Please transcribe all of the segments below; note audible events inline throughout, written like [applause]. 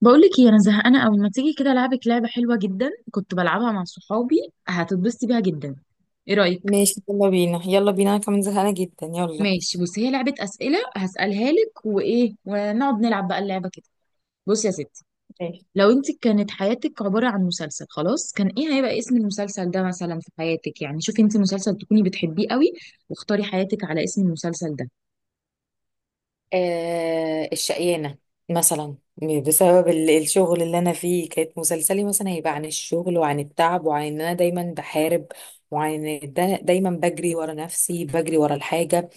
بقولك ايه؟ انا زهقانه قوي، ما تيجي كده العبك لعبه حلوه جدا كنت بلعبها مع صحابي. هتتبسطي بيها جدا. ايه رايك؟ ماشي، يلا بينا يلا بينا، انا كمان زهقانه جدا، يلا. ماشي، بصي هي لعبه اسئله هسالها لك وايه، ونقعد نلعب بقى اللعبه كده. بصي يا ستي، ماشي. لو انت كانت حياتك عباره عن مسلسل خلاص، كان ايه هيبقى اسم المسلسل ده مثلا في حياتك؟ يعني شوفي انت مسلسل تكوني بتحبيه قوي واختاري حياتك على اسم المسلسل ده. آه الشقيانة مثلا. بسبب الشغل اللي انا فيه، كانت مسلسلي مثلا هيبقى عن الشغل وعن التعب وعن ان انا دايما بحارب، وعن ان دايما بجري ورا نفسي، بجري ورا الحاجه.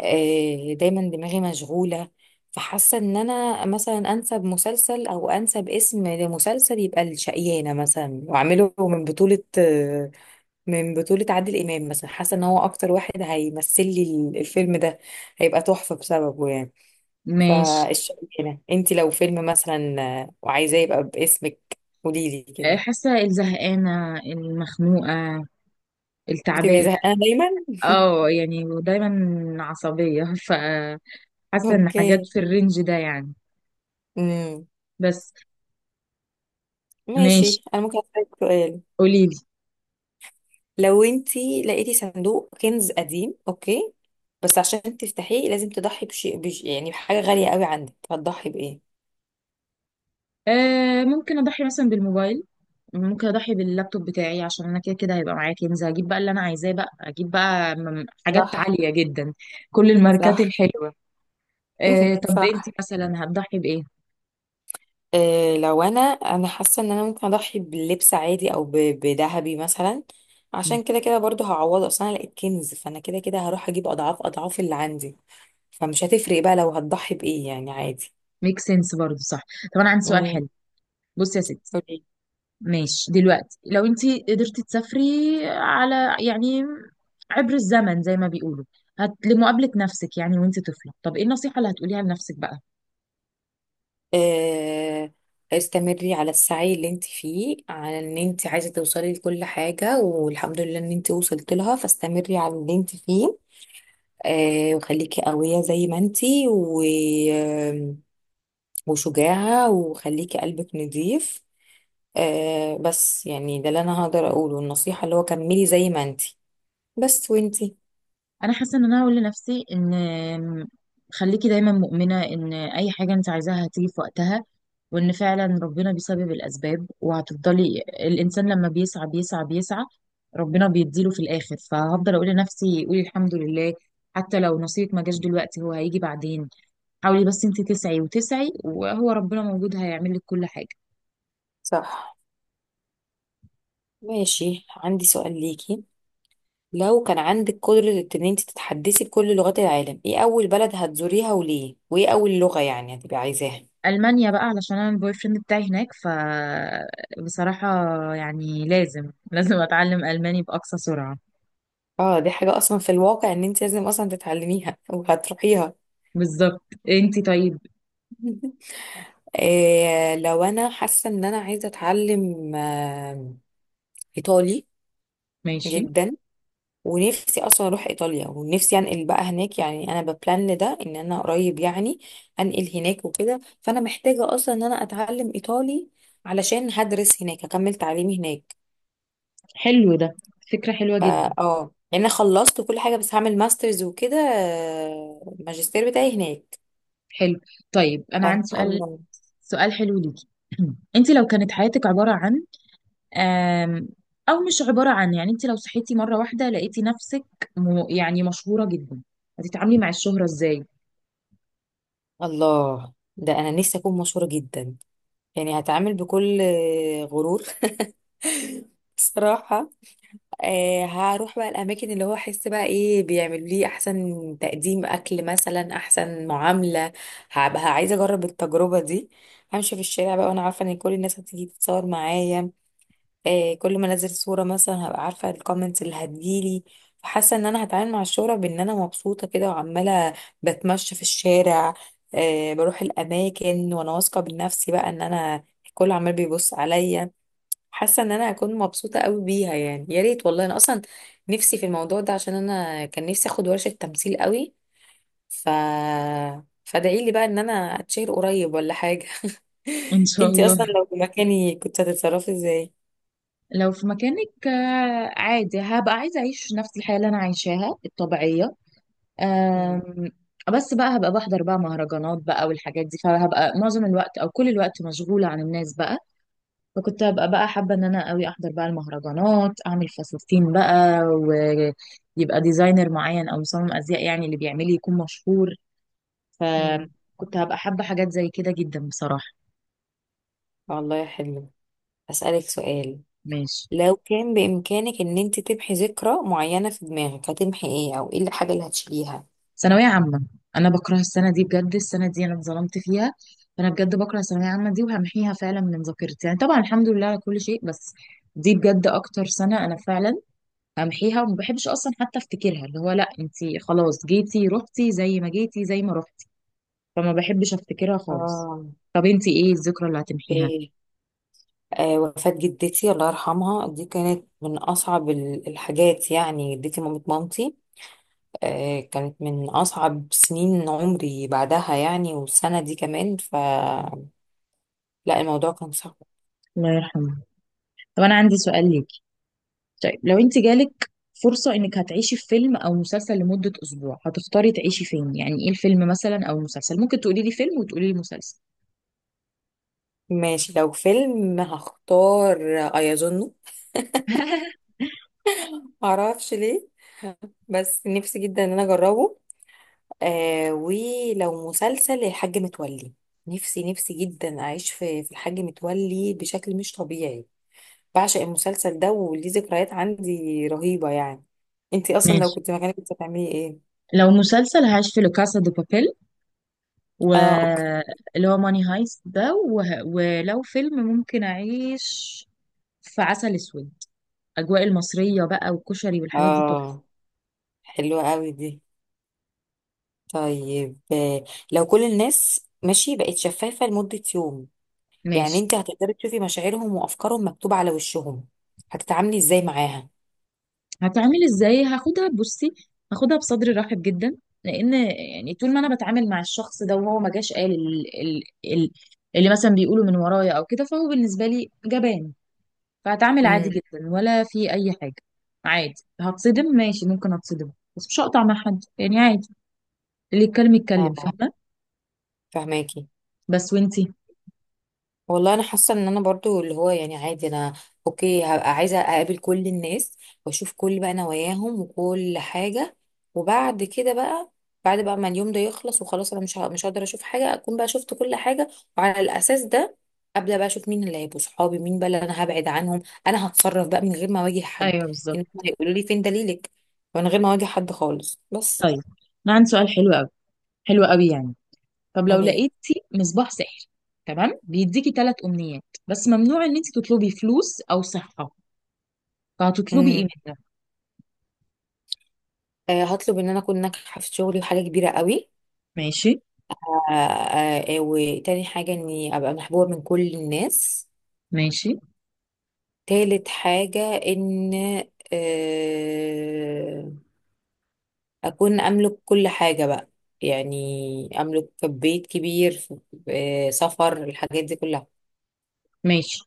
دايما دماغي مشغوله. فحاسه ان انا مثلا انسب مسلسل او انسب اسم لمسلسل يبقى الشقيانه مثلا، واعمله من بطوله، من بطولة عادل إمام مثلا. حاسة إن هو أكتر واحد هيمثل لي الفيلم ده، هيبقى تحفة بسببه يعني. ماشي. فالشغلانة، أنت لو فيلم مثلا، وعايزاه يبقى باسمك، قولي لي كده. حاسه الزهقانه المخنوقه بتبقي التعبانه. زهقانة دايما. اه يعني، ودايما عصبيه [laughs] ف حاسه ان حاجات أوكي. في الرينج ده يعني. امم. بس. ماشي، ماشي، أنا ممكن أسألك سؤال؟ قولي لي. لو أنت لقيتي صندوق كنز قديم، أوكي، بس عشان تفتحيه لازم تضحي بشيء، يعني بحاجة غالية قوي عندك، هتضحي بإيه؟ آه ممكن اضحي مثلا بالموبايل. ممكن اضحي باللابتوب بتاعي، عشان انا كده كده هيبقى معايا كنز، هجيب بقى اللي انا عايزاه، بقى اجيب بقى حاجات صح. عاليه جدا. كل الماركات صح. الحلوه. آه طب انت صح. مثلا هتضحي بايه؟ لو انا حاسه ان انا ممكن اضحي بلبس عادي او بذهبي مثلا، عشان كده كده برضو هعوض، اصلا انا لقيت كنز فانا كده كده هروح اجيب اضعاف اضعاف اللي عندي، فمش هتفرق بقى لو هتضحي بايه، يعني عادي. ميك سنس برضه، صح. طب انا عندي سؤال مم. حلو. بصي يا ستي، قولي. ماشي دلوقتي لو انت قدرتي تسافري على، يعني، عبر الزمن زي ما بيقولوا، لمقابلة نفسك يعني وانت طفلة، طب ايه النصيحة اللي هتقوليها لنفسك بقى؟ آه، استمري على السعي اللي انت فيه، على ان انت عايزه توصلي لكل حاجه، والحمد لله ان انت وصلت لها، فاستمري على اللي انت فيه. وخليكي قويه زي ما انت، و وشجاعة، وخليكي قلبك نضيف. آه بس يعني ده اللي انا هقدر اقوله، النصيحة اللي هو كملي زي ما انتي بس، وانتي. انا حاسة ان انا هقول لنفسي ان خليكي دايما مؤمنة ان اي حاجة انت عايزاها هتيجي في وقتها، وان فعلا ربنا بيسبب الاسباب، وهتفضلي الانسان لما بيسعى بيسعى بيسعى ربنا بيديله في الاخر. فهفضل اقول لنفسي قولي الحمد لله، حتى لو نصيبك ما جاش دلوقتي هو هيجي بعدين. حاولي بس انت تسعي وتسعي وهو ربنا موجود هيعمل لك كل حاجه. صح. ماشي، عندي سؤال ليكي. لو كان عندك قدرة ان انتي تتحدثي بكل لغات العالم، ايه اول بلد هتزوريها وليه، وايه اول لغة يعني هتبقي عايزاها؟ المانيا بقى علشان انا البوي فريند بتاعي هناك، ف بصراحه يعني لازم اتعلم الماني باقصى سرعه. اه دي حاجة اصلا في الواقع ان انتي لازم اصلا تتعلميها وهتروحيها. بالظبط. انت طيب؟ [laughs] لو انا حاسة ان انا عايزة اتعلم، ايطالي ماشي. جدا، ونفسي اصلا اروح ايطاليا، ونفسي انقل بقى هناك. يعني انا ببلان ده ان انا قريب يعني انقل هناك وكده، فانا محتاجه اصلا ان انا اتعلم ايطالي، علشان هدرس هناك، هكمل تعليمي هناك. حلو ده، فكره حلوه جدا. فا اه يعني انا خلصت كل حاجه، بس هعمل ماسترز وكده. الماجستير بتاعي هناك. حلو. طيب انا فان عندي شاء سؤال، الله. سؤال حلو ليكي. [clears throat] انت لو كانت حياتك عباره عن آم، او مش عباره عن يعني، انت لو صحيتي مره واحده لقيتي نفسك، يعني مشهوره جدا، هتتعاملي مع الشهره ازاي؟ الله، ده انا نفسي اكون مشهوره جدا. يعني هتعامل بكل، غرور. [laughs] صراحه. هروح بقى الاماكن اللي هو احس بقى ايه بيعملوا لي احسن تقديم اكل مثلا، احسن معامله. هبقى عايزه اجرب التجربه دي. همشي في الشارع بقى وانا عارفه ان كل الناس هتيجي تتصور معايا. كل ما انزل صوره مثلا، هبقى عارفه الكومنتس اللي هتجيلي. فحاسه ان انا هتعامل مع الشهره بان انا مبسوطه كده، وعماله بتمشى في الشارع. بروح الاماكن وانا واثقه بنفسي بقى، ان انا الكل عمال بيبص عليا. حاسه ان انا هكون مبسوطه قوي بيها، يعني يا ريت والله، انا اصلا نفسي في الموضوع ده، عشان انا كان نفسي اخد ورشه تمثيل قوي. ف فادعي لي بقى ان انا اتشهر قريب ولا حاجه. ان [laughs] شاء انتي الله. اصلا لو في مكاني كنت هتتصرفي ازاي؟ لو في مكانك، عادي هبقى عايزة أعيش نفس الحياة اللي أنا عايشاها الطبيعية. مم. آم، بس بقى هبقى بحضر بقى مهرجانات بقى والحاجات دي، فهبقى معظم الوقت أو كل الوقت مشغولة عن الناس بقى. فكنت هبقى بقى حابة إن أنا أوي أحضر بقى المهرجانات، أعمل فساتين بقى ويبقى ديزاينر معين أو مصمم أزياء يعني اللي بيعملي يكون مشهور. مم. فكنت هبقى حابة حاجات زي كده جدا بصراحة. والله حلو. اسالك سؤال. ماشي. لو كان بامكانك ان انت تمحي ذكرى معينه في دماغك، هتمحي ايه، او ايه الحاجه اللي هتشيليها؟ ثانوية عامة. أنا بكره السنة دي بجد، السنة دي أنا اتظلمت فيها. فأنا بجد بكره الثانوية عامة دي وهمحيها فعلا من ذاكرتي. يعني طبعا الحمد لله على كل شيء، بس دي بجد أكتر سنة أنا فعلا همحيها وما بحبش أصلا حتى أفتكرها. اللي هو لأ أنتي خلاص جيتي رحتي، زي ما جيتي زي ما رحتي، فما بحبش أفتكرها خالص. اه طب أنتي إيه الذكرى اللي هتمحيها؟ اوكي. وفاة جدتي الله يرحمها، دي كانت من أصعب الحاجات، يعني جدتي مامة مامتي. كانت من أصعب سنين عمري بعدها يعني، والسنة دي كمان، فلا، الموضوع كان صعب. الله يرحمه. طب أنا عندي سؤال ليك. طيب لو انت جالك فرصة انك هتعيشي في فيلم او مسلسل لمدة اسبوع، هتختاري تعيشي فين؟ يعني ايه الفيلم مثلا او المسلسل؟ ممكن تقولي لي فيلم وتقولي لي مسلسل. ماشي، لو فيلم هختار أيظنه، [laughs] معرفش ليه بس نفسي جدا إن أنا أجربه. ولو مسلسل، الحاج متولي. نفسي نفسي جدا أعيش في الحاج متولي بشكل مش طبيعي. بعشق المسلسل ده وليه ذكريات عندي رهيبة يعني. انتي اصلا لو ماشي، كنت مكانك كنت هتعملي ايه؟ لو مسلسل هعيش في لوكاسا دو بابيل، اه اوكي. واللي هو ماني هايست ده. ولو فيلم ممكن اعيش في عسل اسود، اجواء المصرية بقى والكشري والحاجات دي تحفة. اه حلوة قوي دي. طيب، لو كل الناس ماشي بقت شفافة لمدة يوم، يعني ماشي. انتي هتقدري تشوفي مشاعرهم وافكارهم مكتوبة على وشهم، هتتعاملي ازاي معاها؟ هتعمل ازاي؟ هاخدها، بصي، هاخدها بصدر رحب جدا، لان يعني طول ما انا بتعامل مع الشخص ده وهو ما جاش قال اللي مثلا بيقوله من ورايا او كده، فهو بالنسبه لي جبان. فهتعامل عادي امم. جدا ولا في اي حاجه. عادي. هتصدم، ماشي ممكن اتصدم، بس مش هقطع مع حد يعني، عادي. اللي يتكلم يتكلم، اه فاهمه. فهماكي. بس وانتي؟ والله انا حاسه ان انا برضو اللي هو يعني عادي انا. اوكي، هبقى عايزه اقابل كل الناس واشوف كل بقى نواياهم وكل حاجه، وبعد كده بقى، بعد بقى ما اليوم ده يخلص وخلاص، انا مش مش هقدر اشوف حاجه، اكون بقى شفت كل حاجه، وعلى الاساس ده ابدا بقى اشوف مين اللي هيبقوا صحابي، مين بقى اللي انا هبعد عنهم. انا هتصرف بقى من غير ما اواجه حد. ايوه يعني هم بالظبط. هيقولوا لي فين دليلك، من غير ما اواجه حد خالص بس. طيب انا عندي سؤال حلو قوي، حلو قوي يعني. طب لو قولي لي. لقيتي مصباح سحر، تمام، بيديكي ثلاث امنيات، بس ممنوع ان انت تطلبي فلوس او صحه، فهتطلبي ايه امم. منها؟ هطلب ان انا اكون ناجحه في شغلي وحاجه كبيره قوي. ماشي. وتاني حاجة اني ابقى محبوبة من كل الناس. ماشي. تالت حاجة ان، آه، اكون املك كل حاجة بقى، يعني املك بيت كبير. سفر، الحاجات دي كلها. ماشي.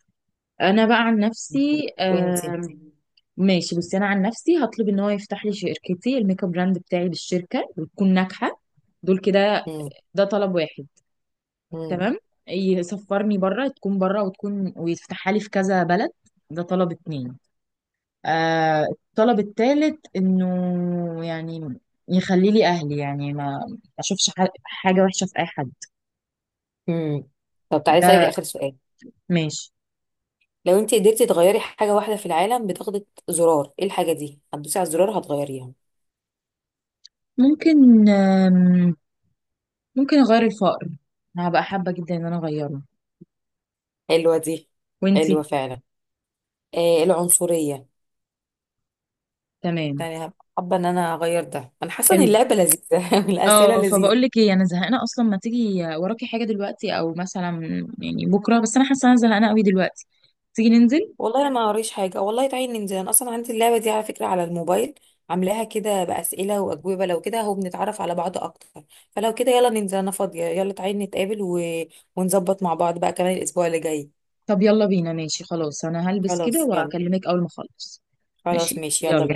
انا بقى عن نفسي وانتي. ماشي بصي، انا عن نفسي هطلب ان هو يفتح لي شركتي الميك اب براند بتاعي بالشركه وتكون ناجحه. دول كده. مم. ده طلب واحد. مم. تمام، يسفرني بره، تكون بره، وتكون ويفتحها لي في كذا بلد. ده طلب اتنين. آه الطلب الثالث انه يعني يخلي لي اهلي، يعني ما حاجة وحشة في اي حد. مم. طب، تعالي اسألك ده. اخر سؤال. ماشي. لو انتي قدرتي تغيري حاجة واحدة في العالم، بتاخدي زرار، ايه الحاجة دي هتدوسي على الزرار هتغيريها؟ ممكن، ممكن اغير الفقر. انا هبقى حابة جدا ان انا اغيره. حلوة دي. وانتي؟ حلوة فعلا. العنصرية. تمام. يعني هبقى حابه ان انا اغير ده، انا حاسه ان حلو. اللعبه لذيذه [laughs] والاسئله اه لذيذه. فبقول لك ايه، انا زهقانه اصلا، ما تيجي وراكي حاجه دلوقتي او مثلا يعني بكره؟ بس انا حاسه انا زهقانه قوي دلوقتي. تيجي ننزل؟ والله انا ما قريش حاجه والله، تعالي ننزل. انا اصلا عندي اللعبه دي على فكره على الموبايل، عاملاها كده باسئله واجوبه. لو كده هو بنتعرف على بعض اكتر. فلو كده يلا ننزل، انا فاضيه، يلا تعالي نتقابل ونظبط مع بعض بقى كمان الاسبوع اللي جاي. طب يلا بينا، ماشي خلاص، انا هلبس كده خلاص يلا. واكلمك اول ما اخلص. خلاص ماشي ماشي، يلا يلا. بينا.